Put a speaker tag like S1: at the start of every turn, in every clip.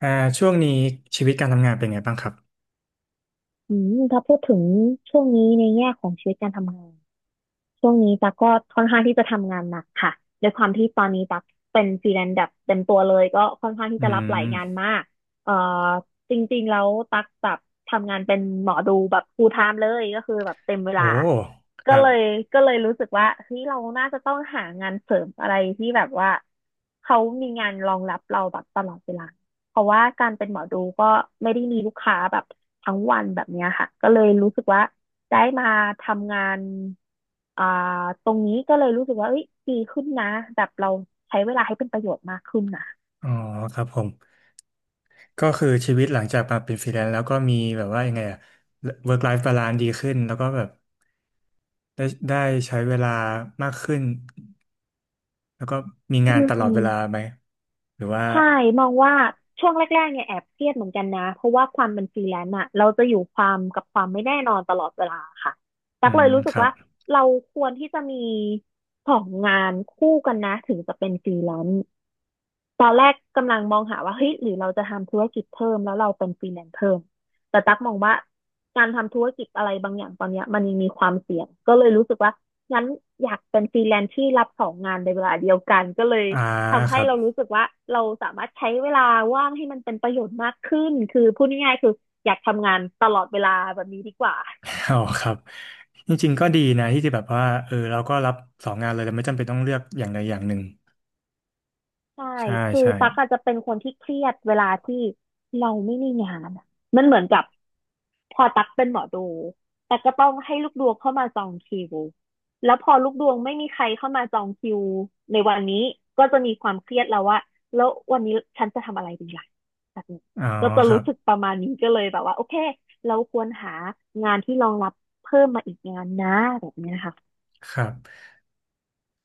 S1: อ่าช่วงนี้ชีวิตการทำงานเป็นไงบ้างครับ
S2: อืมถ้าพูดถึงช่วงนี้ในแง่ของชีวิตการทำงาน ช่วงนี้ตั๊กก็ค่อนข้างที่จะทำงานหนักค่ะด้วยความที่ตอนนี้ตั๊กเป็นฟรีแลนซ์แบบเต็มตัวเลยก็ค่อนข้างที่
S1: อื
S2: จะรับหลายงาน
S1: ม
S2: มากเอ่อจริงๆแล้วตั๊กแบบทำงานเป็นหมอดูแบบ full time เลยก็คือแบบเต็มเว
S1: โอ้
S2: ลา
S1: ค
S2: ก็
S1: รั
S2: เล
S1: บ
S2: ยก็เลยรู้สึกว่าเฮ้ยเราน่าจะต้องหางานเสริมอะไรที่แบบว่าเขามีงานรองรับเราแบบตลอดเวลาเพราะว่าการเป็นหมอดูก็ไม่ได้มีลูกค้าแบบทั้งวันแบบเนี้ยค่ะก็เลยรู้สึกว่า ได้มาทำงานอ่าตรงนี้ก็เลยรู้สึกว่าเอ้ยดีขึ้นนะแบบเราใช้เวลาให้เป็นประโยชน์มากขึ้นนะ
S1: อ๋อครับผมก็คือชีวิตหลังจากมาเป็นฟรีแลนซ์แล้วก็มีแบบว่ายังไงอะ work life balance ดีขึ้นแล้วก็แบบได้ใช้เวลามากขึ้นแล้วก็มี
S2: อื
S1: งานตลอด
S2: ม
S1: เวลาไหมหรือว่า
S2: ใช่มองว่าช่วงแรกๆเนี่ยแอบเครียดเหมือนกันนะเพราะว่าความเป็นฟรีแลนซ์อะเราจะอยู่ความกับความไม่แน่นอนตลอดเวลาค่ะ
S1: อื
S2: ตักเล
S1: ม
S2: ยรู้สึ
S1: ค
S2: ก
S1: รับ
S2: ว่าเราควรที่จะมีสองงานคู่กันนะถึงจะเป็นฟรีแลนซ์ ตอนแรกกำลังมองหาว่าเฮ้ยหรือเราจะทำธุรกิจเพิ่มแล้วเราเป็นฟรีแลนซ์เพิ่มแต่ตั๊กมองว่าการทำธุรกิจอะไรบางอย่างตอนเนี้ยมันยังมีความเสี่ยงก็เลยรู้สึกว่างั้นอยากเป็นฟรีแลนซ์ที่รับสองงานในเวลาเดียวกันก็เลย
S1: อ่า
S2: ทำ
S1: ค
S2: ให้
S1: รับ
S2: เรารู้สึกว่าเราสามารถใช้เวลาว่างให้มันเป็นประโยชน์มากขึ้นคือพูดง่ายๆคืออยากทำงานตลอดเวลาแบบนี้ดีกว่า
S1: อ๋อครับจริงๆก็ดีนะที่จะแบบว่าเออเราก็รับสองงานเลยแต่ไม่จำเป็นต้องเลือกอย่างใดอย่างหนึ่ง
S2: ใช่
S1: ใช่
S2: คือ
S1: ใช่
S2: ตั๊กอาจจะเป็นคนที่เครียดเวลาที่เราไม่มีงานอะมันเหมือนกับ พอตักเป็นหมอดูแต่ก็ต้องให้ลูกดวงเข้ามาจองคิวแล้วพอลูกดวงไม่มีใครเข้ามาจองคิวในวันนี้ก็จะมีความเครียดแล้วว่าแล้ววันนี้ฉันจะทำอะไรดีล่ะแบบนี้
S1: อ๋อ
S2: ก็จะ
S1: ครั
S2: รู้สึก
S1: บ
S2: ประมาณนี้ก็เลยแบบว่าโอเคเราควรหางานที่รองรับเพิ่มมาอีกงานนะแบบนี้นะคะ
S1: ครับ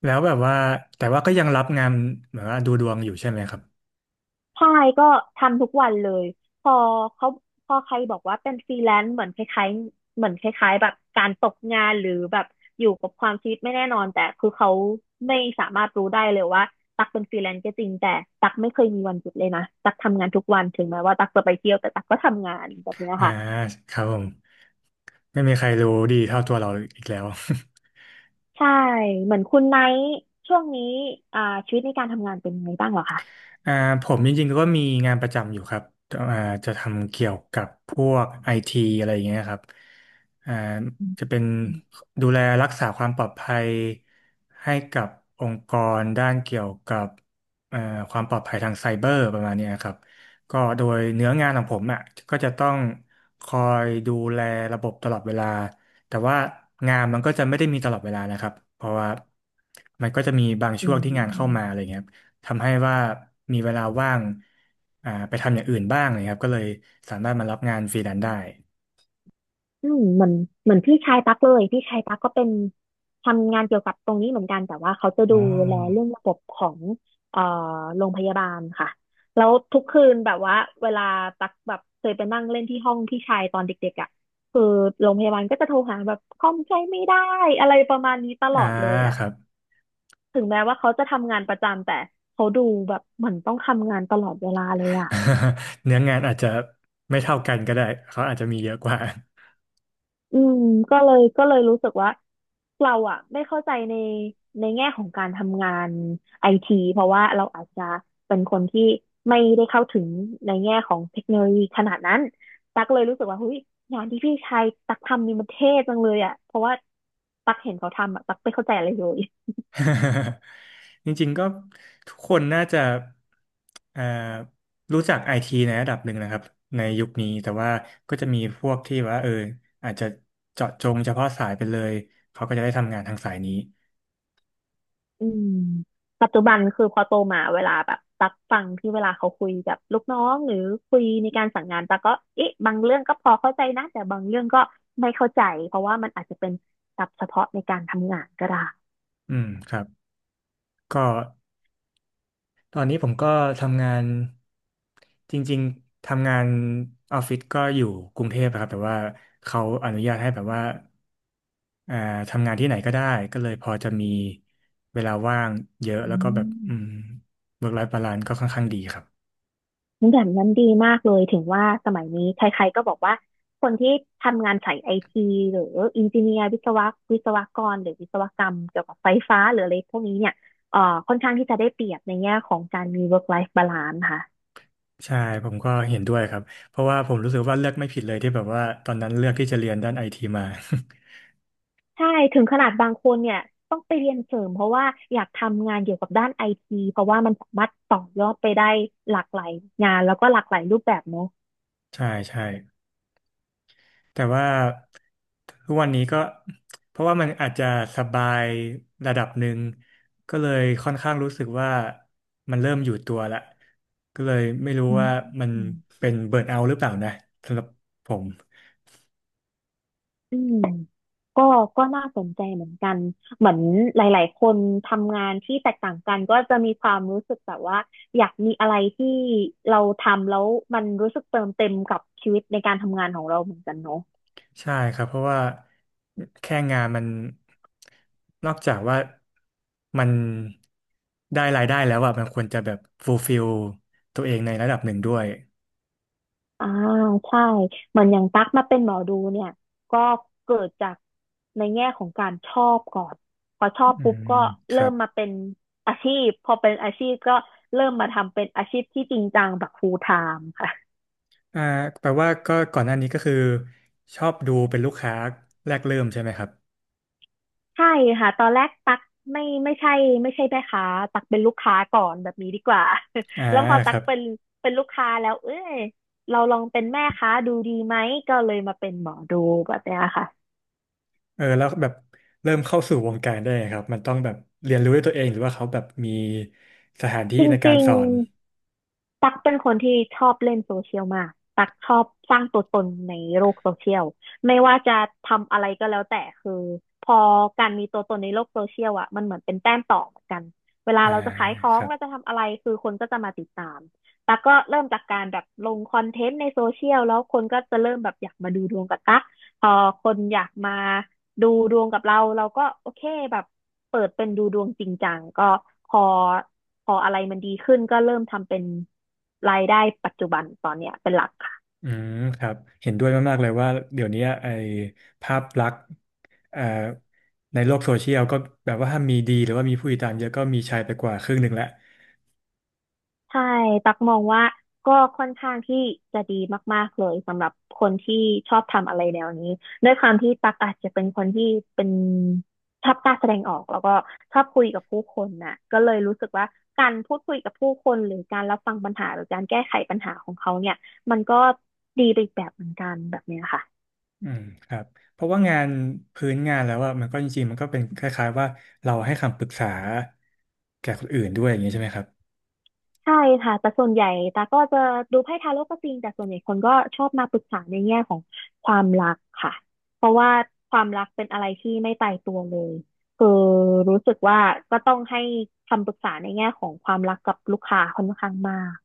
S1: แล้วแบบว่าแต่ว่าก็ยังรับงานแบบว่าดูดวงอยู่ใช่ไหมครับ
S2: ใช่ก็ทำทุกวันเลยพอเขาพอใครบอกว่าเป็นฟรีแลนซ์เหมือนคล้ายๆเหมือนคล้ายๆแบบการตกงานหรือแบบอยู่กับความชีวิตไม่แน่นอนแต่คือเขาไม่สามารถรู้ได้เลยว่าตักเป็นฟรีแลนซ์ก็จริงแต่ตักไม่เคยมีวันหยุดเลยนะตักทำงานทุกวันถึงแม้ว่าตักจะไปเที่ยวแต่ตักก็ทำงานแบบเนี้ย
S1: อ่า
S2: ค่ะ
S1: ครับผมไม่มีใครรู้ดีเท่าตัวเราอีกแล้ว
S2: ใช่เหมือนคุณไนท์ช่วงนี้อ่าชีวิตในการทำงานเป็นไงบ้างเหรอคะ
S1: อ่าผมจริงๆก็มีงานประจำอยู่ครับอ่าจะทำเกี่ยวกับพวกไอทีอะไรอย่างเงี้ยครับอ่า
S2: อื
S1: จะ
S2: ม
S1: เป็นดูแลรักษาความปลอดภัยให้กับองค์กรด้านเกี่ยวกับเอ่อความปลอดภัยทางไซเบอร์ประมาณเนี้ยครับก็โดยเนื้องานของผมอ่ะก็จะต้องคอยดูแลระบบตลอดเวลาแต่ว่างานมันก็จะไม่ได้มีตลอดเวลานะครับเพราะว่ามันก็จะมีบาง
S2: อื
S1: ช่วงที่งานเข้ามาอะ
S2: ม
S1: ไรเงี้ย ทำให้ว่ามีเวลาว่างไปทำอย่างอื่นบ้างนะครับก็เลยสามารถมารับงานฟรีแลนซ์ได้
S2: อืมเหมือนพี่ชายตั๊กเลยพี่ชายตั๊กก็เป็นทำงานเกี่ยวกับตรงนี้เหมือนกันแต่ว่าเขาจะ
S1: อ๋
S2: ดูแลเรื่อง
S1: อ
S2: ระบบของเอ่อโรงพยาบาลค่ะแล้วทุกคืนแบบว่าเวลาตั๊กแบบเคยไปนั่งเล่นที่ห้องพี่ชายตอนเด็กๆอ่ะคือโรงพยาบาลก็จะโทรหาแบบคล่อมใจไม่ได้อะไรประมาณนี้ตล
S1: อ่า
S2: อดเลยอ่ะ
S1: ครับ
S2: ถึงแม้ว่าเขาจะทำงานประจำแต่เขาดูแบบเหมือนต้องทำงานตลอดเวลาเลยอ่ะ
S1: เนื้องานอาจจะไม่เท่ากันก็ได้เขาอาจจะมีเยอะกว่า
S2: อืมก็เลยรู้สึกว่า เราอะไม่เข้าใจในแง่ของการทำงานไอทีเพราะว่าเราอาจจะเป็นคนที่ไม่ได้เข้าถึงในแง่ของเทคโนโลยีขนาดนั้นตักเลยรู้สึกว่าเฮ้ยงานที่พี่ชายตักทำนี่มันเท่จังเลยอะเพราะว่าตักเห็นเขาทำอะตักไม่เข้าใจอะไรเลย
S1: จริงๆก็ทุกคนน่าจะเอ่อรู้จักไอทีในระดับหนึ่งนะครับในยุคนี้แต่ว่าก็จะมีพวกที่ว่าอาจจะเจาะจงเฉพาะสายไปเลยเขาก็จะได้ทำงานทางสายนี้
S2: อืมปัจจุบันคือพอโตมาเวลาแบบตักฟังที่เวลาเขาคุยกับลูกน้องหรือคุยในการสั่งงานตักก็เอ๊ะบางเรื่องก็พอเข้าใจนะแต่บางเรื่องก็ไม่เข้าใจเพราะว่ามันอาจจะเป็นศัพท์เฉพาะในการทำงานก็ได้
S1: อืมครับก็ ตอนนี้ผมก็ทำงานจริงๆทำงานออฟฟิศก็อยู่กรุงเทพอะครับแต่ว่าเขาอนุญาตให้แบบว่าอ่าทำงานที่ไหนก็ได้ก็เลยพอจะมีเวลาว่างเยอะ
S2: อื
S1: แล้วก็แบบ
S2: ม
S1: work life balance ก็ค่อนข้างดีครับ
S2: งั้นแบบนั้นดีมากเลยถึงว่าสมัยนี้ใครๆก็บอกว่าคนที่ทำงานสายไอทีหรืออินจิเนียร์วิศวะวิศวกรหรือวิศวกรรมเกี่ยวกับไฟฟ้าหรืออะไรพวกนี้เนี่ยเอ่อค่อนข้างที่จะได้เปรียบในแง่ของการมี work life balance ค่ะ
S1: ใช่ผมก็เห็นด้วยครับเพราะว่าผมรู้สึกว่าเลือกไม่ผิดเลยที่แบบว่าตอนนั้นเลือกที่จะเรียนด้านไอทีมา
S2: ใช่ถึงขนาดบางคนเนี่ยต้องไปเรียนเสริมเพราะว่าอยากทำงานเกี่ยวกับด้านไอทีเพราะว่ามันสามารถต่อยอดไปได้หลากหลายงานแล้วก็หลากหลายรูปแบบเนาะ
S1: ใช่ใช่ แต่ว่าทุกวันนี้ก็เพราะว่ามันอาจจะสบายระดับหนึ่งก็เลยค่อนข้างรู้สึกว่ามันเริ่มอยู่ตัวละก็เลยไม่รู้
S2: อื
S1: ว่ามั
S2: ม
S1: นเป็นเบิร์นเอาท์หรือเปล่านะสำหรับผม
S2: อืมก็ก็น่าสนใจเหมือนกันเหมือนหลายๆคนทำงานที่แตกต่างกันก็จะมีความรู้สึกแบบว่าอยากมีอะไรที่เราทำแล้วมันรู้สึกเติมเต็มกับชีวิตในการทำงานของเราเหมือนกันเนาะ
S1: ใช่ครับเพราะว่าแค่งานมันนอกจากว่ามันได้รายได้แล้วอะมันควรจะแบบฟูลฟิลตัวเองในระดับหนึ่งด้วย
S2: อ่าใช่เหมือนอย่างตั๊กมาเป็นหมอดูเนี่ยก็เกิดจากในแง่ของการชอบก่อนพอชอบ
S1: อื
S2: ปุ๊บ
S1: ม
S2: ก็
S1: ค
S2: เริ่
S1: รั
S2: ม
S1: บ
S2: มาเป็นอาชีพพอเป็นอาชีพก็เริ่มมาทำเป็นอาชีพที่จริงจังแบบ full time ค่ะ
S1: อ่าแปลว่าก็ก่อนหน้านี้ก็คือชอบดูเป็นลูกค้าแรกเริ่มใช่ไหมครับ
S2: ใช่ค่ะตอนแรกตั๊กไม่ไม่ใช่ไม่ใช่แม่ค้าตั๊กเป็นลูกค้าก่อนแบบนี้ดีกว่า
S1: อ่า
S2: แล้วพอ
S1: ค
S2: ตั๊
S1: รั
S2: ก
S1: บ
S2: เป็นลูกค้าแล้วเอ้ยเราลองเป็นแม่ค้าดูดีไหมก็เลยมาเป็นหมอดูแบบเนี้ยค่ะ
S1: แล้วแบบเริ่มเข้าสู่วงการได้ไงครับมันต้องแบบเรียนรู้ด้วยตัวเองหรือว่าเขาแบบมีสถานที่
S2: จ
S1: ในการ
S2: ริง
S1: สอน
S2: ตักเป็นคนที่ชอบเล่นโซเชียลมากตักชอบสร้างตัวตนในโลกโซเชียลไม่ว่าจะทำอะไรก็แล้วแต่คือพอการมีตัวตนในโลกโซเชียลอ่ะมันเหมือนเป็นแต้มต่อเหมือนกันเวลา
S1: อ่า
S2: เราจะขายขอ
S1: ค
S2: ง
S1: รับ
S2: เราจะทำอะไรคือคนก็จะมาติดตามตักก็เริ่มจากการแบบลงคอนเทนต์ในโซเชียลแล้วคนก็จะเริ่มแบบอยากมาดูดวงกับตัก พอคนอยากมาดูดวงกับเราเราก็โอเคแบบเปิดเป็นดูดวงจริงจังก็พอพออะไรมันดีขึ้นก็เริ่มทำเป็นรายได้ปัจจุบันตอนเนี้ยเป็นหลักค่ะ
S1: อืมครับเห็นด้วยมากๆเลยว่าเดี๋ยวนี้ไอ้ภาพลักษณ์เอ่อในโลกโซเชียลก็แบบว่าถ้ามีดีหรือว่ามีผู้ติดตามเยอะก็มีชายไปกว่าครึ่งหนึ่งแล้ว
S2: ใช่ตักมองว่าก็ค่อนข้างที่จะดีมากๆเลยสำหรับคนที่ชอบทำอะไรแนวนี้ด้วยความที่ตักอาจจะเป็นคนที่เป็นชอบกล้าแสดงออกแล้วก็ชอบคุยกับผู้คนน่ะก็เลยรู้สึกว่าการพูดคุยกับผู้คนหรือการรับฟังปัญหาหรือการแก้ไขปัญหาของเขาเนี่ยมันก็ดีไปอีกแบบเหมือนกันแบบเนี้ยค่ะ
S1: อืมครับเพราะว่างานพื้นงานแล้วอะมันก็จริงๆมันก็เป็นคล้ายๆว่าเราให้คำปรึกษาแก่คนอื่นด้วยอย่างนี้ใช่ไหมครับ
S2: ใช่ค่ะแต่ส่วนใหญ่ตาก็จะดูไพ่ทาโร่ก็จริงแต่ส่วนใหญ่คนก็ชอบมาปรึกษาในแง่ของความรักค่ะเพราะว่าความรักเป็นอะไรที่ไม่ตายตัวเลยคือรู้สึกว่าก็ต้องให้คำปรึกษาในแง่ของความรักกับลูกค้าค่อนข้างมาก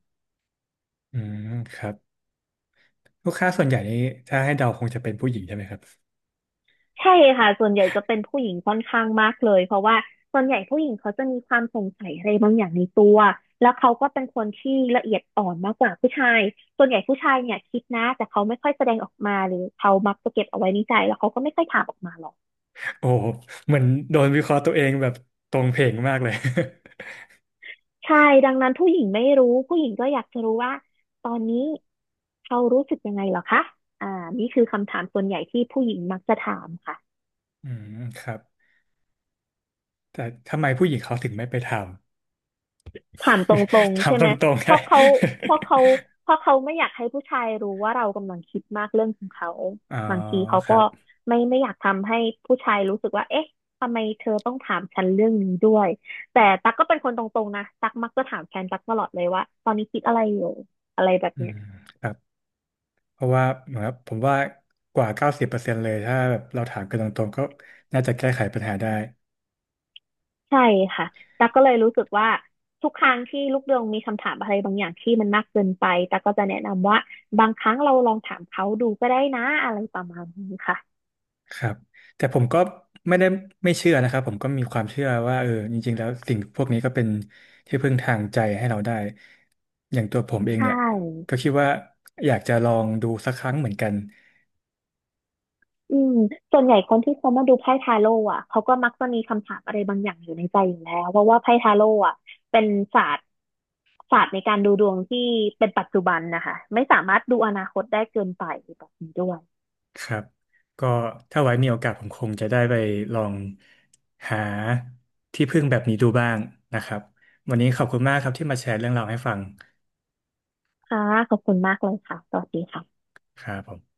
S1: อืมครับลูกค้าส่วนใหญ่นี่ถ้าให้เดาคงจะเป็นผู้หญิงใช่ไหมครับ
S2: ใช่ค่ะส่วนใหญ่จะเป็นผู้หญิงค่อนข้างมากเลยเพราะว่าส่วนใหญ่ผู้หญิงเขาจะมีความสงสัยอะไรบางอย่างในตัวแล้วเขาก็เป็นคนที่ละเอียดอ่อนมากกว่าผู้ชายส่วนใหญ่ผู้ชายเนี่ยคิดนะแต่เขาไม่ค่อยแสดงออกมาหรือเขามักจะเก็บเอาไว้ในใจแล้วเขาก็ไม่ค่อยถามออกมาหรอก
S1: โอ้โหเหมือนโดนวิเคราะห์ตัวเองแบบตรงเพลงมากเลย
S2: ใช่ดังนั้นผู้หญิงไม่รู้ผู้หญิงก็อยากจะรู้ว่าตอนนี้เขารู้สึกยังไงเหรอคะอ่านี่คือคำถามส่วนใหญ่ที่ผู้หญิงมักจะถามค่ะ
S1: อืมครับแต่ทำไมผู้หญิงเขาถึงไม่ไปท
S2: ถามตรง
S1: ำ ท
S2: ๆใช่
S1: ำต
S2: ไหม
S1: รงๆ
S2: เพ
S1: ไง
S2: ราะเขาเพ ราะเขาเพราะเขาไม่อยากให้ผู้ชายรู้ว่าเรากำลังคิดมากเรื่องของเขา
S1: อ๋อ
S2: บางทีเขา
S1: ค
S2: ก็
S1: รับ
S2: ไม่อยากทำให้ผู้ชายรู้สึกว่าเอ๊ะทำไมเธอต้องถามฉันเรื่องนี้ด้วยแต่ตั๊กก็เป็นคนตรงๆนะตั๊กมักจะถามแฟนตั๊กตลอดเลยว่าตอนนี้คิดอะไรอยู่อะไรแบบ
S1: อื
S2: เนี้ย
S1: มครับ เพราะว่าเหมือนกับผมว่ากว่า90%เลยถ้าแบบเราถามกันตรงๆก็น่าจะแก้ไขปัญหาได้
S2: ใช่ค่ะตั๊กก็เลยรู้สึกว่าทุกครั้งที่ลูกเดืองมีคำถามอะไรบางอย่างที่มันมากเกินไปตั๊กก็จะแนะนำว่าบางครั้งเราลองถามเขาดูก็ได้นะอะไรประมาณนี้ค่ะ
S1: ครับแต่ผมก็ไม่ได้ไม่เชื่อนะครับผมก็มีความเชื่อว่าเออจริงๆแล้วสิ่งพวกนี้ก็เป็นที่พึ่งทางใจให้เราได้อย่างตัวผมเอง
S2: ใช
S1: เนี่ยก็
S2: ่
S1: คิดว่าอยากจะลองดูสักครั้งเหมือนกัน
S2: อืมส่วนใหญ่คนที่เขามาดูไพ่ทาโร่อ่ะเขาก็มักจะมีคำถามอะไรบางอย่างอยู่ในใจอยู่แล้วเพราะว่าไพ่ทาโร่อ่ะเป็นศาสตร์ศาสตร์ในการดูดวงที่เป็นปัจจุบันนะคะไม่สามารถดูอนาคตได้เกินไปแบบนี้ด้วย
S1: ครับก็ถ้าไว้มีโอกาสผมคงจะได้ไปลองหาที่พึ่งแบบนี้ดูบ้างนะครับวันนี้ขอบคุณมากครับที่มาแชร์เรื่องราวให้ฟัง
S2: ค่ะขอบคุณมากเลยค่ะสวัสดีค่ะ
S1: ครับผม